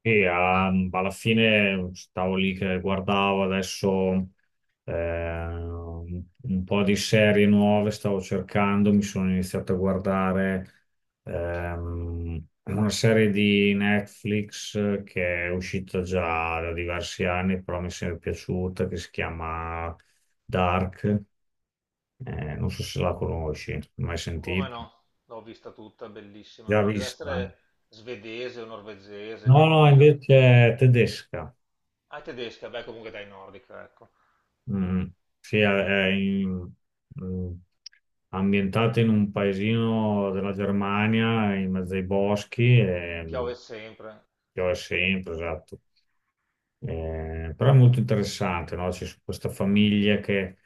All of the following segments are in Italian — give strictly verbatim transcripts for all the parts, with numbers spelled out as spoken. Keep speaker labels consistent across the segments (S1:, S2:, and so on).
S1: E ehm, alla fine stavo lì che guardavo adesso eh, un po' di serie nuove, stavo cercando, mi sono iniziato a guardare ehm, una serie di Netflix che è uscita già da diversi anni, però mi è sempre piaciuta, che si chiama Dark. Eh, non so se la conosci, mai
S2: Come
S1: sentita,
S2: no? L'ho vista tutta, bellissima.
S1: già
S2: Deve
S1: vista, eh?
S2: essere svedese o norvegese,
S1: No, no,
S2: nordica.
S1: invece è tedesca.
S2: Ah, è tedesca, beh, comunque dai, nordica, ecco.
S1: Mm, sì, è, è in- mm, ambientato in un paesino della Germania, in mezzo ai boschi, e mm,
S2: Piove sempre.
S1: piove sempre, esatto. Eh, però è molto interessante, no? C'è questa famiglia che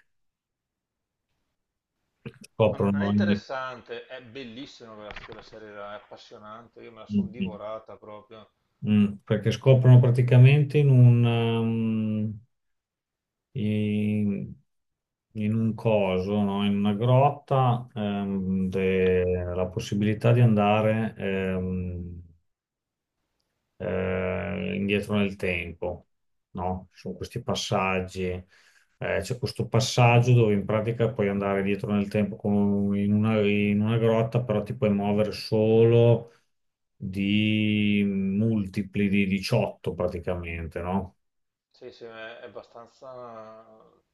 S2: Non, non
S1: scoprono
S2: è
S1: ogni.
S2: interessante, è bellissima quella, quella serie là, è appassionante. Io me la sono
S1: Mm,
S2: divorata proprio.
S1: mm, Perché scoprono praticamente in un... um, in, in un coso, no? In una grotta, ehm, de- la possibilità di andare ehm, eh, indietro nel tempo, no? Ci sono questi passaggi, eh, c'è questo passaggio dove in pratica puoi andare dietro nel tempo come in una, in una grotta, però ti puoi muovere solo di multipli di diciotto praticamente, no?
S2: Sì, sì, è è abbastanza...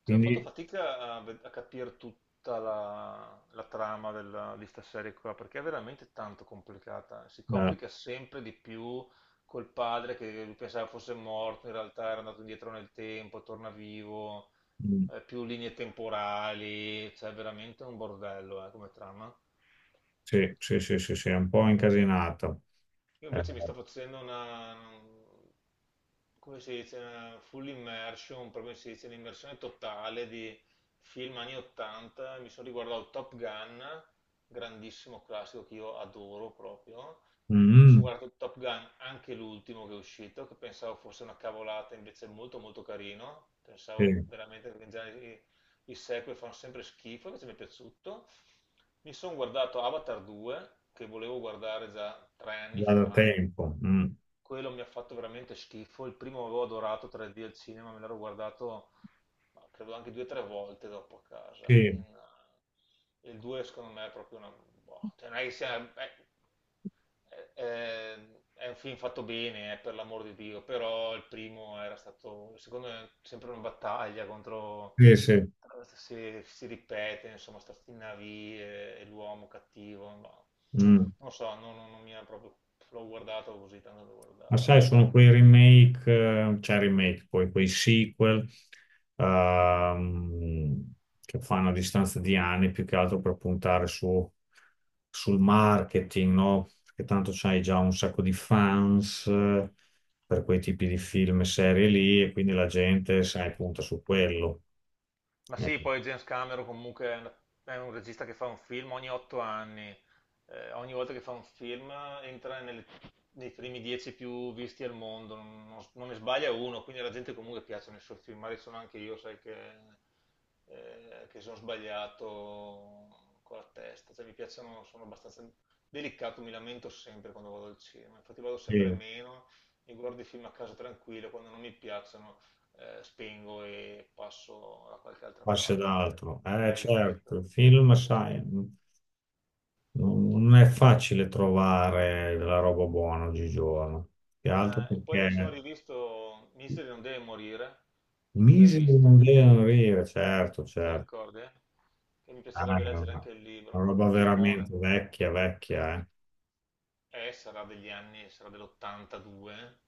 S2: Cioè, ho fatto
S1: Quindi,
S2: fatica a, ve- a capire tutta la, la trama della, di sta serie qua, perché è veramente tanto complicata. Si
S1: eh,
S2: complica sempre di più col padre che lui pensava fosse morto, in realtà era andato indietro nel tempo, torna vivo,
S1: mm,
S2: eh, più linee temporali, cioè è veramente un bordello, eh, come trama.
S1: sì, sì, sì, sì, sì, è un po' incasinata.
S2: Io
S1: Eh,
S2: invece mi sto facendo una, come si dice, una full immersion, proprio si dice, un'immersione totale di film anni ottanta. Mi sono riguardato Top Gun, grandissimo classico che io adoro proprio. Mi sono
S1: mm,
S2: guardato Top Gun, anche l'ultimo che è uscito, che pensavo fosse una cavolata, invece è molto molto carino.
S1: sì,
S2: Pensavo veramente che i sequel fanno sempre schifo, invece mi è piaciuto. Mi sono guardato Avatar due, che volevo guardare già tre anni
S1: già da
S2: fa.
S1: tempo. Mm,
S2: Quello mi ha fatto veramente schifo. Il primo avevo adorato tre D al cinema, me l'ero guardato ma credo anche due o tre volte dopo a casa.
S1: sì,
S2: In, eh, il due secondo me è proprio una... boh, cioè non è che sia... è- è- è- è un film fatto bene, eh, per l'amor di Dio, però il primo era stato, secondo me, sempre una battaglia contro
S1: sì, sì.
S2: si, si ripete, insomma, sta stinavie e l'uomo cattivo, ma non
S1: Mm.
S2: lo so, non, non- non mi ha proprio, l'ho guardato così tanto da
S1: Ma
S2: guardarlo,
S1: sai, sono
S2: insomma.
S1: quei remake, eh, cioè remake, poi quei sequel ehm, che fanno a distanza di anni più che altro per puntare su- sul marketing, no? Perché tanto c'hai già un sacco di fans eh, per quei tipi di film e serie lì e quindi la gente, sai, punta su quello.
S2: Ma sì,
S1: Ecco,
S2: poi James Cameron comunque è un è un regista che fa un film ogni otto anni. Eh, ogni volta che fa un film entra nelle- nei primi dieci più visti al mondo, non, non- non ne sbaglia uno, quindi alla gente comunque piacciono i suoi film. Magari sono anche io, sai, che, eh, che sono sbagliato con la testa. Cioè, mi piacciono, sono abbastanza delicato, mi lamento sempre quando vado al cinema. Infatti vado sempre
S1: sì,
S2: meno, mi guardo i film a casa tranquillo, quando non mi piacciono eh, spengo e passo da qualche altra
S1: passi ad
S2: parte.
S1: altro.
S2: Ecco.
S1: Eh,
S2: Hai
S1: certo,
S2: capito?
S1: il film,
S2: Così.
S1: sai. Non non è facile trovare la roba buona oggigiorno, più che altro
S2: Eh, e poi mi sono
S1: perché
S2: rivisto Misery non deve morire. L'hai
S1: misero
S2: visto?
S1: non devono dire, certo,
S2: Te lo
S1: certo.
S2: ricordi, eh? Che mi
S1: Ah,
S2: piacerebbe
S1: è
S2: leggere
S1: una,
S2: anche il
S1: una
S2: libro.
S1: roba
S2: Filmone.
S1: veramente vecchia, vecchia, eh.
S2: Eh, sarà degli anni, sarà dell'ottantadue. Eh,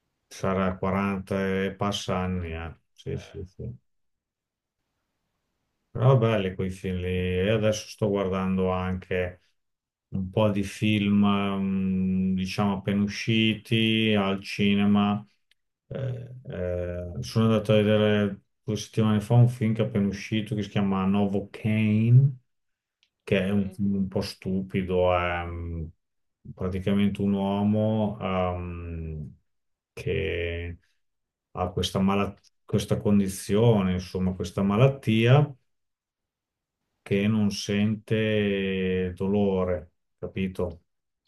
S1: Sarà quaranta e passa anni, eh. Sì,
S2: Eh,
S1: sì, sì. Però belli quei film lì. E adesso sto guardando anche un po' di film, mm, diciamo, appena usciti al cinema. Eh, eh, sono andato a vedere due settimane fa un film che è appena uscito che si chiama Novocaine, che è un
S2: ok,
S1: film un po' stupido. È mm, praticamente un uomo ehm, che ha questa, mala- questa condizione, insomma, questa malattia che non sente dolore, capito?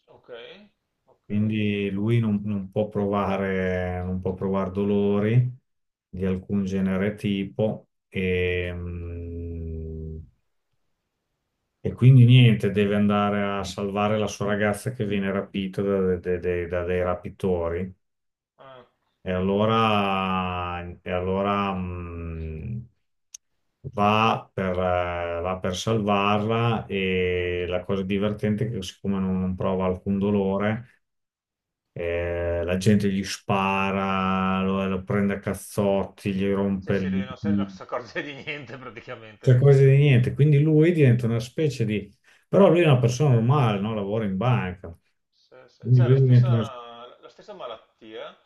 S2: ok, ok.
S1: Quindi lui non, non può provare, non può provare dolori di alcun genere tipo e, mm, e quindi niente, deve andare a salvare la sua ragazza che viene rapita da, de- de- da dei rapitori.
S2: Ah,
S1: E allora, e allora mm, va per, eh, va per salvarla e la cosa divertente è che siccome non non prova alcun dolore. Eh, la gente gli spara, lo, lo prende a cazzotti, gli rompe
S2: cioè, se lui
S1: il
S2: non, se- non si accorge di niente
S1: cioè
S2: praticamente.
S1: cose di niente. Quindi lui diventa una specie di. Però lui è una persona normale, no? Lavora in banca.
S2: Sì, sì.
S1: Quindi
S2: C'è la
S1: lui diventa una...
S2: stessa, la stessa malattia,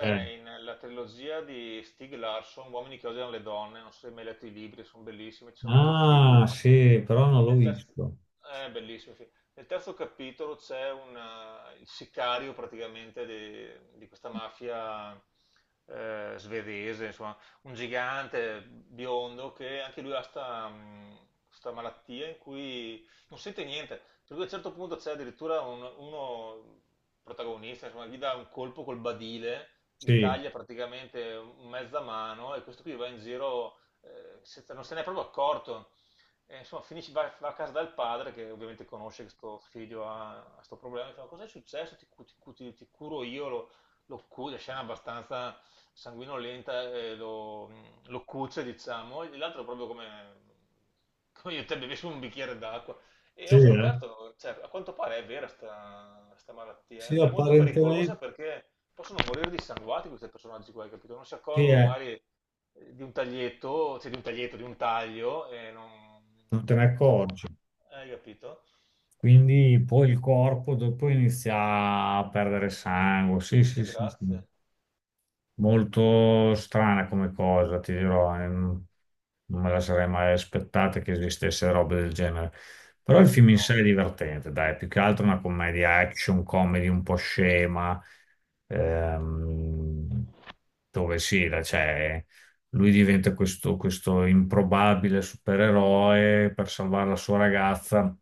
S1: eh.
S2: in- nella trilogia di Stieg Larsson, Uomini che odiano le donne, non so se hai mai letto i libri, sono bellissimi, ci sono anche i film.
S1: Ah, sì, però non l'ho
S2: Nel terzo,
S1: visto.
S2: è bellissimo, sì. Nel terzo capitolo c'è una- il sicario praticamente di, di questa mafia eh, svedese, insomma, un gigante biondo che anche lui ha sta, mh, sta malattia in cui non sente niente. Per cui a un certo punto c'è addirittura un- uno protagonista, insomma, gli dà un colpo col badile, gli
S1: Sì,
S2: taglia praticamente un- mezza mano e questo qui va in giro eh, senza- non se n'è proprio accorto. E, insomma, finisce, va, va a casa dal padre, che ovviamente conosce che sto figlio ha questo problema, e fa, cos'è successo? Ti, cu- ti cu- ti- ti curo io, lo, lo cu- la scena è abbastanza sanguinolenta, eh, lo, lo cuce, diciamo, e l'altro proprio come, come io e te bevessimo un bicchiere d'acqua. E
S1: sì,
S2: ho
S1: eh.
S2: scoperto, cioè, a quanto pare è vera questa malattia,
S1: Sì,
S2: è molto pericolosa
S1: apparentemente
S2: perché possono morire dissanguati questi personaggi qua, hai capito? Non si
S1: sì,
S2: accorgono
S1: eh.
S2: magari eh, di un taglietto, cioè di un taglietto, di un taglio, e non...
S1: Non te ne
S2: cioè, mo-
S1: accorgi.
S2: hai capito?
S1: Quindi poi il corpo dopo inizia a perdere sangue. Sì, sì,
S2: E
S1: sì, sì.
S2: grazie.
S1: Molto strana come cosa, ti dirò, eh, non non me la sarei mai aspettata che esistesse roba del genere. Però il film in
S2: No.
S1: sé è divertente, dai, più che altro una commedia action, comedy un po' scema, ehm, dove sì, la- cioè, lui diventa questo, questo improbabile supereroe per salvare la sua ragazza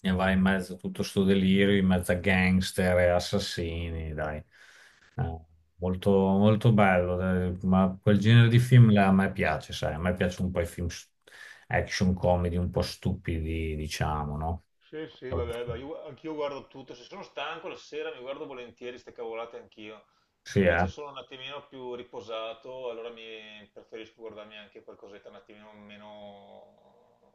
S1: e va in mezzo a tutto sto delirio, in mezzo a gangster e assassini, dai. Eh, Molto, molto bello, eh, ma quel genere di film là a me piace, sai, a me piacciono un po' i film s- action comedy un po' stupidi, diciamo, no?
S2: Sì, sì, vabbè, ma io- anch'io guardo tutto, se sono stanco la sera mi guardo volentieri ste cavolate anch'io.
S1: Sì,
S2: Se
S1: eh?
S2: invece sono un attimino più riposato, allora mi preferisco guardarmi anche qualcosetta un attimino meno,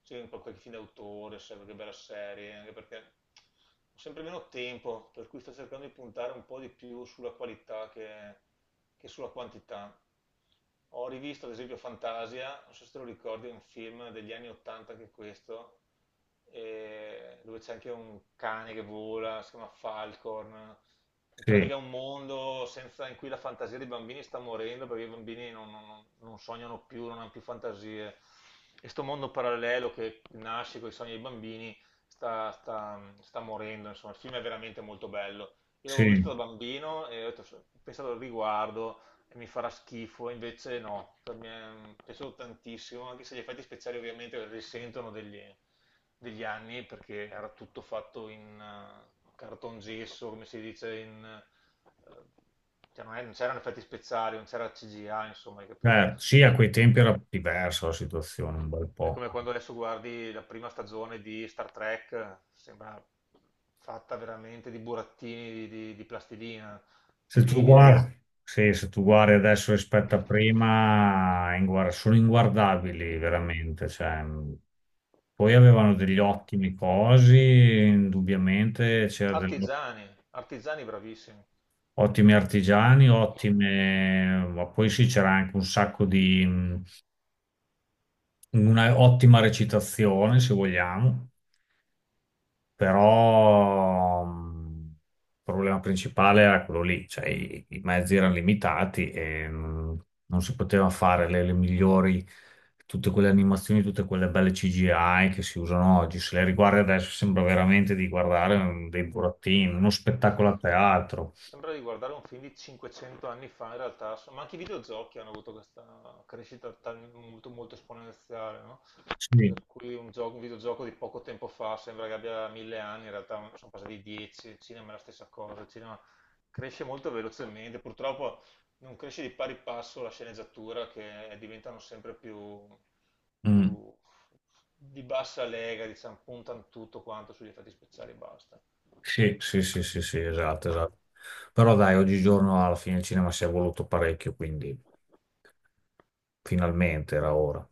S2: sì, un po' qualche film d'autore, sai, qualche bella serie, anche perché ho sempre meno tempo, per cui sto cercando di puntare un po' di più sulla qualità che, che sulla quantità. Ho rivisto ad esempio Fantasia, non so se te lo ricordi, è un film degli anni ottanta anche questo, e- dove c'è anche un cane che vola, si chiama Falcorn, in
S1: Sì,
S2: pratica è un mondo senza- in cui la fantasia dei bambini sta morendo perché i bambini non, non- non- non sognano più, non hanno più fantasie. E sto mondo parallelo che nasce con i sogni dei bambini sta, sta- sta morendo. Insomma, il film è veramente molto bello. Io l'avevo visto
S1: sì.
S2: da bambino e ho detto, "So- "Ho pensato al riguardo e mi farà schifo", invece no, per me è mm, piaciuto tantissimo, anche se gli effetti speciali ovviamente risentono degli, degli anni perché era tutto fatto in, eh, cartongesso, come si dice in... eh, cioè non, è- non c'erano effetti speciali, non c'era C G I, insomma, hai capito?
S1: Eh, sì, a quei tempi era diversa la situazione un bel
S2: È
S1: po'.
S2: come quando adesso guardi la prima stagione di Star Trek, eh, sembra fatta veramente di burattini di, di- di plastilina,
S1: Se tu
S2: terribile.
S1: guardi, Sì, se tu guardi adesso rispetto a prima, è inguar- sono inguardabili veramente. Cioè, mh. Poi avevano degli ottimi cosi, indubbiamente c'era del
S2: Artigiani, artigiani bravissimi.
S1: ottimi artigiani, ottime, ma poi sì, c'era anche un sacco di, mh, una ottima recitazione, se vogliamo. Però mh, il problema principale era quello lì, cioè i, i mezzi erano limitati e mh, non si poteva fare le, le migliori, tutte quelle animazioni, tutte quelle belle C G I che si usano oggi, se le riguardi adesso sembra veramente di guardare mm, dei burattini, uno
S2: Sì.
S1: spettacolo a teatro.
S2: Sembra di guardare un film di cinquecento anni fa, in realtà, so- ma anche i videogiochi hanno avuto questa crescita tal- molto, molto esponenziale, no?
S1: Sì.
S2: Per cui un gioco- un videogioco di poco tempo fa sembra che abbia mille anni, in realtà sono passati dieci, il cinema è la stessa cosa, il cinema cresce molto velocemente, purtroppo non cresce di pari passo la sceneggiatura che diventano sempre più,
S1: Mm.
S2: più di bassa lega, diciamo, puntano tutto quanto sugli effetti speciali e basta.
S1: Sì, sì, sì, sì, sì, esatto, esatto. Però dai, oggigiorno alla fine il cinema si è evoluto parecchio, quindi finalmente era ora.